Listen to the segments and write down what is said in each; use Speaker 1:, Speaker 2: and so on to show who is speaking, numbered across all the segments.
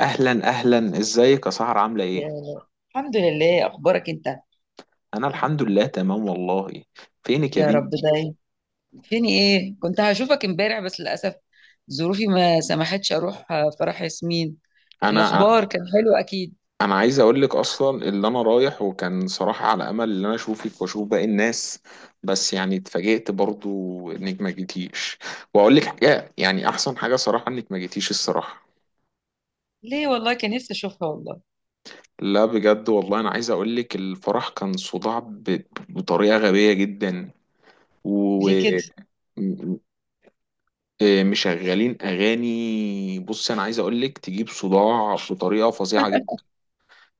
Speaker 1: اهلا اهلا، ازيك يا سهر؟ عامله ايه؟
Speaker 2: يا لا. الحمد لله، اخبارك انت؟
Speaker 1: انا الحمد لله تمام والله. فينك يا
Speaker 2: يا رب
Speaker 1: بنتي؟
Speaker 2: دايم. فين ايه، كنت هشوفك امبارح بس للاسف ظروفي ما سمحتش اروح فرح ياسمين. الاخبار
Speaker 1: انا
Speaker 2: كان حلو اكيد.
Speaker 1: انا عايز اقول لك اصلا اللي انا رايح وكان صراحه على امل ان انا اشوفك واشوف باقي الناس. بس يعني اتفاجئت برضو انك ما جيتيش. واقول لك حاجه، يعني احسن حاجه صراحه انك ما جيتيش الصراحه.
Speaker 2: ليه والله كان نفسي اشوفها والله.
Speaker 1: لا بجد والله، انا عايز اقول لك الفرح كان صداع بطريقه غبيه جدا و...
Speaker 2: ليه كده؟
Speaker 1: مشغلين اغاني. بص، انا عايز اقول لك تجيب صداع بطريقه فظيعه جدا.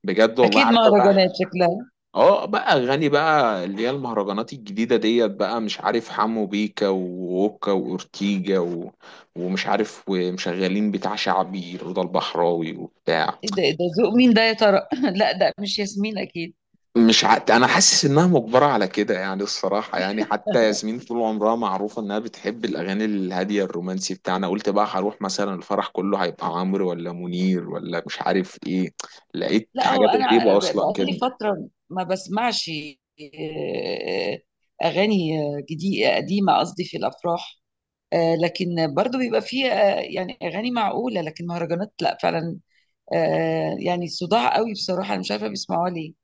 Speaker 1: بجد والله،
Speaker 2: اكيد
Speaker 1: عارفه بقى.
Speaker 2: مهرجانات شكلها.
Speaker 1: اه، بقى اغاني، بقى اللي هي المهرجانات الجديده ديت، بقى مش عارف حمو بيكا ووكا واورتيجا و... ومش عارف، ومشغلين بتاع شعبي رضا البحراوي وبتاع...
Speaker 2: ايه ده إيه ده ذوق مين ده يا ترى؟ لا ده مش ياسمين اكيد.
Speaker 1: مش ع... انا حاسس انها مجبره على كده يعني الصراحه، يعني حتى ياسمين طول عمرها معروفه انها بتحب الاغاني الهاديه الرومانسي بتاعنا. قلت بقى هروح مثلا الفرح كله هيبقى عمرو ولا منير ولا مش عارف ايه. لقيت
Speaker 2: لا هو
Speaker 1: حاجات
Speaker 2: انا
Speaker 1: غريبه اصلا
Speaker 2: بقالي
Speaker 1: كده.
Speaker 2: فتره ما بسمعش آه، اغاني جديده قديمه، قصدي في الافراح. لكن برضو بيبقى فيه يعني اغاني معقوله، لكن مهرجانات لا فعلا. يعني صداع قوي بصراحه، انا مش عارفه بيسمعوها ليه،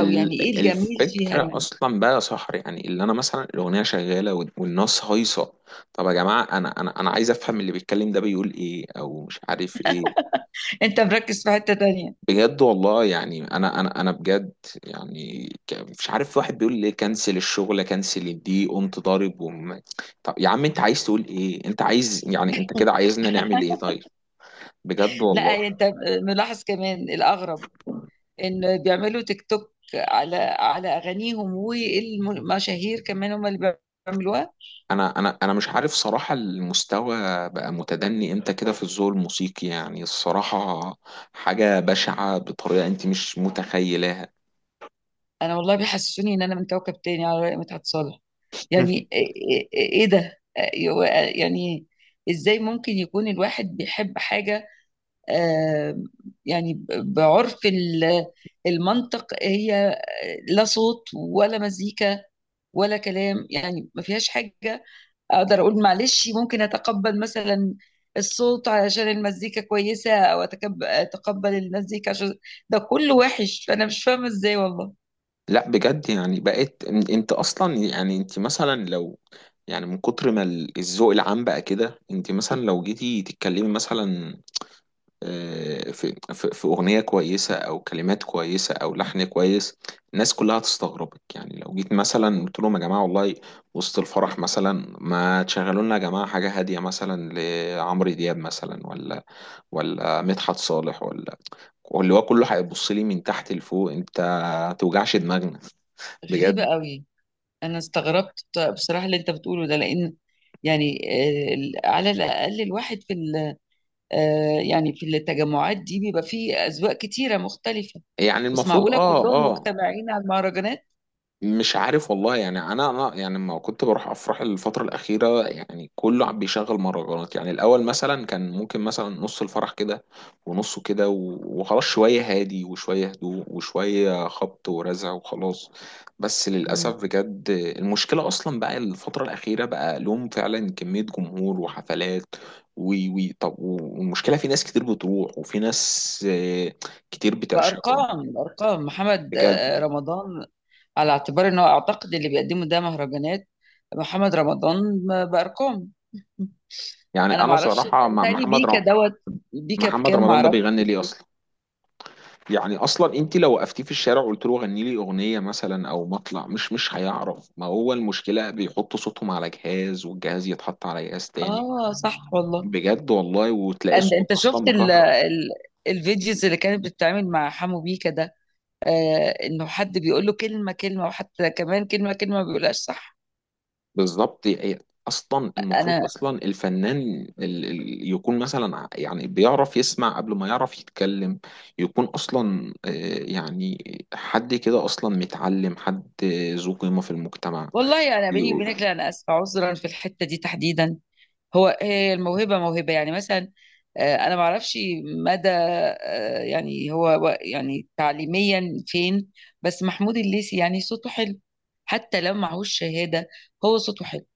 Speaker 2: او يعني ايه الجميل فيها
Speaker 1: الفكره
Speaker 2: يعني.
Speaker 1: اصلا بقى يا صاحبي، يعني اللي انا مثلا الاغنيه شغاله والناس هايصه. طب يا جماعه، انا عايز افهم اللي بيتكلم ده بيقول ايه او مش عارف ايه.
Speaker 2: انت مركز في حته تانية.
Speaker 1: بجد والله، يعني انا بجد. يعني مش عارف، واحد بيقول ليه كنسل الشغل كنسل دي، قمت ضارب طب يا عم، انت عايز تقول ايه؟ انت عايز يعني انت كده عايزنا نعمل ايه طيب؟ بجد
Speaker 2: لا
Speaker 1: والله.
Speaker 2: انت ملاحظ كمان الاغرب ان بيعملوا تيك توك على اغانيهم، والمشاهير كمان هم اللي بيعملوها.
Speaker 1: انا مش عارف صراحة، المستوى بقى متدني امتى كده في الذوق الموسيقي يعني الصراحة. حاجة بشعة بطريقة انت مش متخيلاها.
Speaker 2: انا والله بيحسسوني ان انا من كوكب تاني على رأي مدحت صالح. يعني ايه إيه ده يعني ازاي ممكن يكون الواحد بيحب حاجه؟ آه، يعني بعرف المنطق، هي لا صوت ولا مزيكا ولا كلام، يعني ما فيهاش حاجة. أقدر أقول معلش ممكن أتقبل مثلا الصوت علشان المزيكا كويسة، أو أتقبل المزيكا عشان ده كله وحش، فأنا مش فاهمة إزاي والله.
Speaker 1: لا بجد يعني، بقيت انت اصلا يعني انت مثلا لو... يعني من كتر ما الذوق العام بقى كده، انت مثلا لو جيتي تتكلمي مثلا في اغنيه كويسه او كلمات كويسه او لحن كويس، الناس كلها هتستغربك. يعني لو جيت مثلا قلت لهم: يا جماعه والله، وسط الفرح مثلا، ما تشغلوا لنا يا جماعه حاجه هاديه مثلا لعمرو دياب مثلا، ولا مدحت صالح ولا... اللي هو كله هيبص لي من تحت لفوق: انت ما توجعش دماغنا.
Speaker 2: غريبة
Speaker 1: بجد.
Speaker 2: قوي. أنا استغربت بصراحة اللي أنت بتقوله ده، لأن يعني على الأقل الواحد في ال آه، يعني في التجمعات دي بيبقى فيه أذواق كتيرة مختلفة.
Speaker 1: يعني
Speaker 2: بس
Speaker 1: المفروض
Speaker 2: معقولة كلهم مجتمعين على المهرجانات؟
Speaker 1: مش عارف والله، يعني انا يعني لما كنت بروح افراح الفتره الاخيره، يعني كله عم بيشغل مهرجانات. يعني الاول مثلا كان ممكن مثلا نص الفرح كده ونصه كده وخلاص، شويه هادي وشويه هدوء وشويه خبط ورزع وخلاص. بس للاسف،
Speaker 2: مم.
Speaker 1: بجد المشكله اصلا بقى الفتره الاخيره بقى لهم فعلا كميه جمهور وحفلات. وي وي طب، والمشكله في ناس كتير بتروح وفي ناس كتير بتعشقهم.
Speaker 2: أرقام محمد
Speaker 1: بجد،
Speaker 2: رمضان، على اعتبار إنه أعتقد اللي بيقدمه ده مهرجانات. محمد رمضان بأرقام.
Speaker 1: يعني
Speaker 2: أنا
Speaker 1: انا
Speaker 2: معرفش،
Speaker 1: صراحه مع
Speaker 2: بيتهيألي بيكا دوت بيكا
Speaker 1: محمد
Speaker 2: بكام
Speaker 1: رمضان ده
Speaker 2: معرفش.
Speaker 1: بيغني ليه اصلا؟ يعني اصلا انت لو وقفتيه في الشارع وقلت له غني لي اغنيه مثلا او مطلع، مش هيعرف. ما هو المشكله بيحطوا صوتهم على جهاز، والجهاز يتحط على جهاز تاني.
Speaker 2: آه صح والله.
Speaker 1: بجد والله، وتلاقي
Speaker 2: أنت
Speaker 1: الصوت
Speaker 2: أنت
Speaker 1: اصلا
Speaker 2: شفت ال
Speaker 1: مكهرب.
Speaker 2: ال الفيديوز اللي كانت بتتعمل مع حمو بيكا ده؟ انه حد بيقول له كلمه كلمه، وحتى كمان كلمه كلمه ما بيقولهاش صح.
Speaker 1: بالظبط. هي اصلا المفروض
Speaker 2: انا
Speaker 1: اصلا الفنان يكون مثلا يعني بيعرف يسمع قبل ما يعرف يتكلم. يكون اصلا، يعني حد كده اصلا متعلم، حد ذو قيمه في المجتمع.
Speaker 2: والله، انا بيني وبينك،
Speaker 1: يقول-
Speaker 2: لا انا اسفه، عذرا في الحته دي تحديدا. هي الموهبه موهبه يعني، مثلا انا ما اعرفش مدى يعني هو يعني تعليميا فين. بس محمود الليثي يعني صوته حلو، حتى لو معهوش شهاده هو صوته حلو.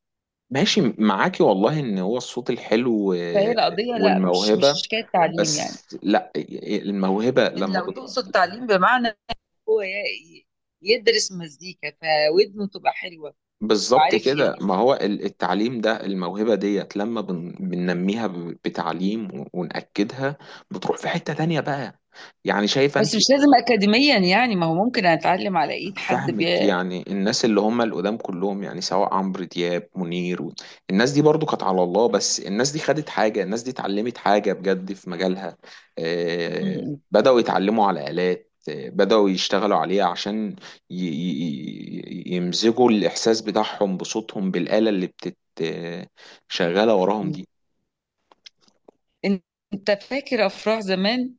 Speaker 1: ماشي معاكي والله ان هو الصوت الحلو
Speaker 2: فهي القضيه لا، مش
Speaker 1: والموهبة.
Speaker 2: حكايه تعليم يعني.
Speaker 1: بس لا، الموهبة لما
Speaker 2: لو تقصد تعليم بمعنى هو يدرس مزيكا فودنه تبقى حلوه،
Speaker 1: بالظبط
Speaker 2: وعارف
Speaker 1: كده. ما هو التعليم ده، الموهبة ديت لما بننميها بتعليم ونأكدها. بتروح في حتة تانية بقى، يعني شايفة انت؟
Speaker 2: بس مش لازم اكاديميا يعني، ما هو ممكن اتعلم على ايد حد
Speaker 1: فاهمك. يعني الناس اللي هم القدام كلهم، يعني سواء عمرو دياب، منير و... الناس دي برضو كانت على الله، بس الناس دي خدت حاجة، الناس دي اتعلمت حاجة بجد في مجالها. آه،
Speaker 2: م-
Speaker 1: بدأوا يتعلموا على آلات، بدأوا يشتغلوا عليها عشان يمزجوا الإحساس بتاعهم بصوتهم بالآلة اللي بتت، شغالة وراهم
Speaker 2: م-
Speaker 1: دي.
Speaker 2: م. انت فاكر افراح زمان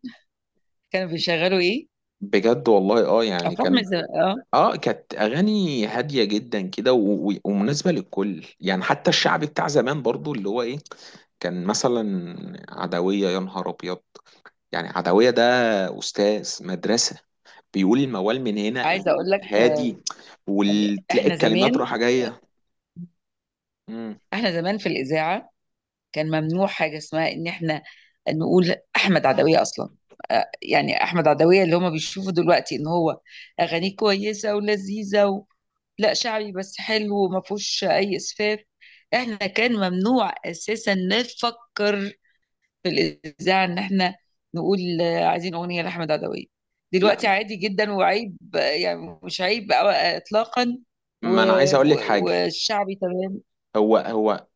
Speaker 2: كانوا بيشغلوا ايه؟
Speaker 1: بجد والله. اه يعني
Speaker 2: افراح من
Speaker 1: كان...
Speaker 2: زمان اه.
Speaker 1: اه، كانت اغاني هاديه جدا كده ومناسبه للكل، يعني حتى الشعب بتاع زمان برضو اللي هو ايه. كان مثلا عدويه، يا نهار ابيض! يعني عدويه ده استاذ مدرسه، بيقول الموال من هنا
Speaker 2: عايزه اقول لك،
Speaker 1: هادي،
Speaker 2: يعني
Speaker 1: وتلاقي
Speaker 2: احنا
Speaker 1: الكلمات
Speaker 2: زمان،
Speaker 1: رايحه جايه. مم.
Speaker 2: في الاذاعه كان ممنوع حاجه اسمها ان احنا نقول احمد عدويه اصلا. يعني احمد عدويه اللي هم بيشوفوا دلوقتي ان هو اغانيه كويسه ولذيذه، لا شعبي بس حلو وما فيهوش اي اسفاف. احنا كان ممنوع اساسا نفكر في الاذاعه ان احنا نقول عايزين اغنيه لاحمد عدويه. دلوقتي
Speaker 1: لا،
Speaker 2: عادي جدا وعيب، يعني مش عيب اطلاقا.
Speaker 1: ما انا عايز اقول لك حاجه.
Speaker 2: والشعبي تمام.
Speaker 1: هو هو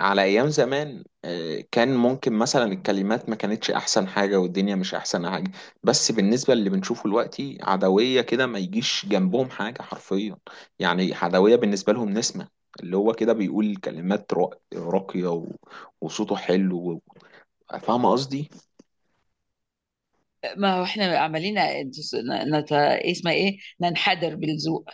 Speaker 1: على ايام زمان، كان ممكن مثلا الكلمات ما كانتش احسن حاجه والدنيا مش احسن حاجه. بس بالنسبه للي بنشوفه دلوقتي، عدويه كده ما يجيش جنبهم حاجه حرفيا. يعني عدويه بالنسبه لهم نسمه، اللي هو كده بيقول كلمات راقيه وصوته حلو فاهمه قصدي.
Speaker 2: ما هو احنا عمالين نت... اسمها ايه، ننحدر بالذوق.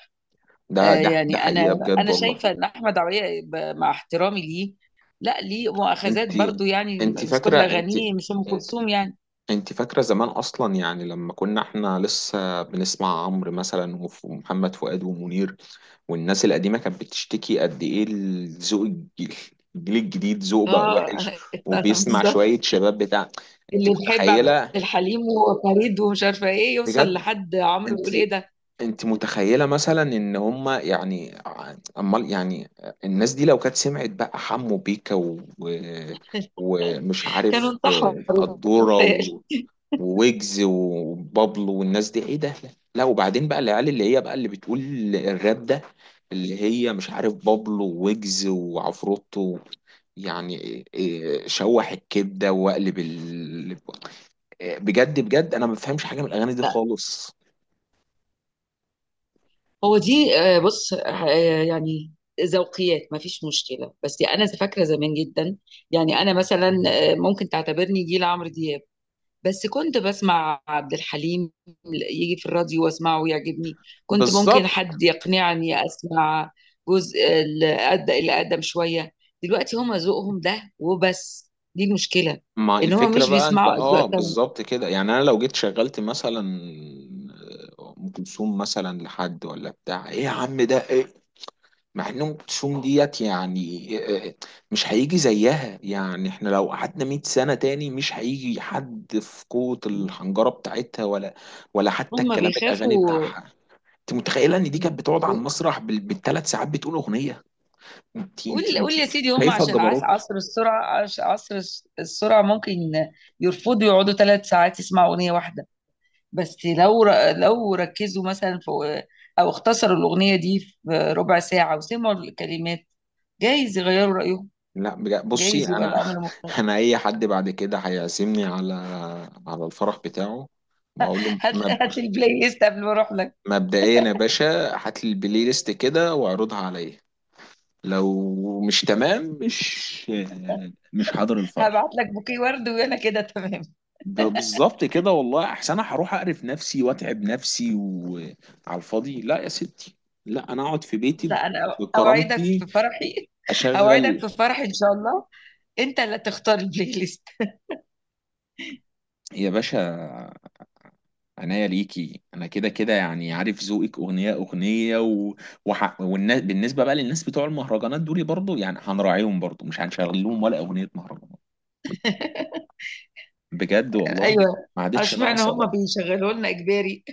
Speaker 1: ده ده ده
Speaker 2: يعني انا
Speaker 1: حقيقه بجد
Speaker 2: انا
Speaker 1: والله.
Speaker 2: شايفه ان احمد عويه، مع احترامي ليه، لا ليه
Speaker 1: انت
Speaker 2: مؤاخذات برضو، يعني
Speaker 1: انت
Speaker 2: مش كل
Speaker 1: فاكره؟ انت
Speaker 2: اغانيه مش ام كلثوم يعني.
Speaker 1: انت فاكرة زمان اصلا؟ يعني لما كنا احنا لسه بنسمع عمرو مثلا ومحمد فؤاد ومنير، والناس القديمة كانت بتشتكي قد ايه الذوق، الج- الجيل الجديد ذوق بقى
Speaker 2: اه،
Speaker 1: وحش، وبيسمع
Speaker 2: بالظبط.
Speaker 1: شوية شباب بتاع... انت
Speaker 2: اللي بيحب عبد
Speaker 1: متخيلة؟
Speaker 2: الحليم وفريد ومش عارفه ايه، يوصل
Speaker 1: بجد.
Speaker 2: لحد عمرو
Speaker 1: انت
Speaker 2: يقول ايه ده.
Speaker 1: انت متخيلة مثلا ان هما يعني امال يعني الناس دي لو كانت سمعت بقى حمو بيكا ومش
Speaker 2: كانوا
Speaker 1: عارف،
Speaker 2: انتحروا
Speaker 1: قدورة
Speaker 2: متهيألي.
Speaker 1: وويجز وبابلو والناس دي، ايه ده؟ لا، وبعدين بقى العيال اللي هي بقى اللي بتقول الراب ده، اللي هي مش عارف بابلو وويجز وعفروتو، يعني إيه، شوح الكبده واقلب إيه، بجد بجد انا ما بفهمش حاجه من الاغاني دي
Speaker 2: لا
Speaker 1: خالص.
Speaker 2: هو دي بص يعني ذوقيات، ما فيش مشكله، بس انا فاكره زمان جدا. يعني انا مثلا ممكن تعتبرني جيل عمرو دياب، بس كنت بسمع عبد الحليم يجي في الراديو واسمعه ويعجبني. كنت ممكن
Speaker 1: بالظبط.
Speaker 2: حد يقنعني اسمع جزء اللي اقدم شويه. دلوقتي هما ذوقهم ده وبس، دي المشكله،
Speaker 1: ما
Speaker 2: ان هما
Speaker 1: الفكره
Speaker 2: مش
Speaker 1: بقى انت،
Speaker 2: بيسمعوا اذواق تانية.
Speaker 1: بالظبط كده. يعني انا لو جيت شغلت مثلا ام كلثوم مثلا لحد، ولا بتاع ايه يا عم ده ايه؟ مع ان ام كلثوم ديت يعني مش هيجي زيها. يعني احنا لو قعدنا 100 سنه تاني مش هيجي حد في قوه الحنجره بتاعتها، ولا ولا حتى
Speaker 2: هما
Speaker 1: الكلام الاغاني
Speaker 2: بيخافوا.
Speaker 1: بتاعها. انت متخيله ان دي كانت بتقعد على
Speaker 2: ب-
Speaker 1: المسرح بالثلاث ساعات بتقول اغنيه؟ انت انت
Speaker 2: قول
Speaker 1: انت
Speaker 2: قول يا سيدي، هما
Speaker 1: شايفه
Speaker 2: عشان
Speaker 1: الجبروت؟
Speaker 2: عصر السرعه، عصر السرعه، ممكن يرفضوا يقعدوا 3 ساعات يسمعوا اغنيه واحده. بس لو ركزوا مثلا، في او اختصروا الأغنية دي في ربع ساعة وسمعوا الكلمات، جايز يغيروا رأيهم،
Speaker 1: لا بجد، بصي
Speaker 2: جايز يبقى
Speaker 1: انا...
Speaker 2: الأمر مختلف.
Speaker 1: انا اي حد بعد كده هيعزمني على الفرح بتاعه، بقول له:
Speaker 2: هات هات لي البلاي ليست قبل ما أروح لك.
Speaker 1: مبدئيا يا باشا، هات لي البلاي ليست كده واعرضها عليا. لو مش تمام، مش حاضر
Speaker 2: هبعت
Speaker 1: الفرح.
Speaker 2: لك بوكيه ورد وأنا كده تمام.
Speaker 1: ده بالظبط كده، والله احسن. انا هروح اقرف نفسي واتعب نفسي وعلى الفاضي؟ لا يا ستي، لا، انا اقعد في بيتي
Speaker 2: لا أنا أوعدك
Speaker 1: بكرامتي.
Speaker 2: في فرحي، أوعدك
Speaker 1: اشغل
Speaker 2: في فرحي إن شاء الله. أنت اللي تختار البلاي ليست.
Speaker 1: يا باشا عناية ليكي، انا كده كده يعني عارف ذوقك اغنيه اغنيه و... والناس، بالنسبه بقى للناس بتوع المهرجانات دول برضو، يعني هنراعيهم برضو، مش هنشغل لهم ولا اغنيه مهرجانات. بجد والله،
Speaker 2: أيوه.
Speaker 1: ما عادتش
Speaker 2: اشمعنى
Speaker 1: ناقصه
Speaker 2: هم
Speaker 1: بقى.
Speaker 2: بيشغلوا لنا إجباري؟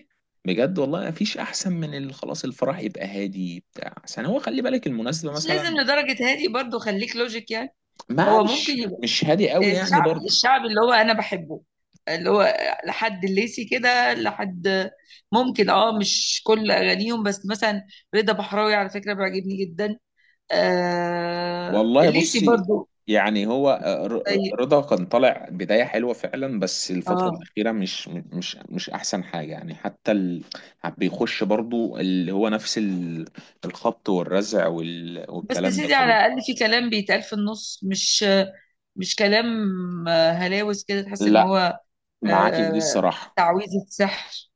Speaker 1: بجد والله، مفيش احسن من خلاص، الفرح يبقى هادي بتاع، عشان هو خلي بالك المناسبة
Speaker 2: مش لازم
Speaker 1: مثلا.
Speaker 2: لدرجة هادي برضو، خليك لوجيك يعني.
Speaker 1: ما هو
Speaker 2: هو ممكن
Speaker 1: مش
Speaker 2: يبقى
Speaker 1: مش هادي قوي يعني
Speaker 2: الشعبي،
Speaker 1: برضه.
Speaker 2: الشعبي اللي هو انا بحبه، اللي هو لحد الليسي كده، لحد ممكن، اه مش كل اغانيهم بس مثلا رضا بحراوي على فكره بيعجبني جدا، آه
Speaker 1: والله
Speaker 2: الليسي
Speaker 1: بصي،
Speaker 2: برضو.
Speaker 1: يعني هو
Speaker 2: طيب،
Speaker 1: رضا كان طالع بداية حلوة فعلا، بس الفترة
Speaker 2: اه.
Speaker 1: الأخيرة مش أحسن حاجة يعني، حتى بيخش برضه اللي هو نفس الخبط والرزع
Speaker 2: بس يا
Speaker 1: والكلام ده
Speaker 2: سيدي على
Speaker 1: كله.
Speaker 2: الاقل في كلام بيتقال في النص، مش مش كلام هلاوس كده، تحس ان
Speaker 1: لا،
Speaker 2: هو
Speaker 1: معاكي في دي
Speaker 2: آه
Speaker 1: الصراحة،
Speaker 2: تعويذه سحر.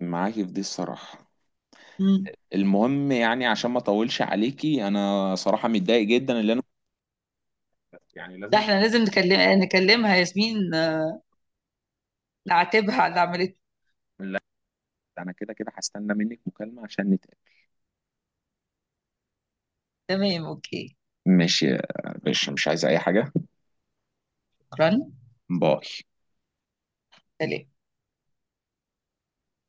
Speaker 1: معاكي في دي الصراحة.
Speaker 2: مم.
Speaker 1: المهم يعني عشان ما اطولش عليكي، انا صراحة متضايق جدا اللي انا يعني
Speaker 2: ده
Speaker 1: لازم...
Speaker 2: احنا لازم نكلمها ياسمين، نعاتبها على اللي عملته.
Speaker 1: لا، انا كده كده هستنى منك مكالمة عشان نتقابل.
Speaker 2: تمام، اوكي.
Speaker 1: ماشي يا باشا، مش عايز اي حاجة.
Speaker 2: شكرا،
Speaker 1: باي.
Speaker 2: سليم.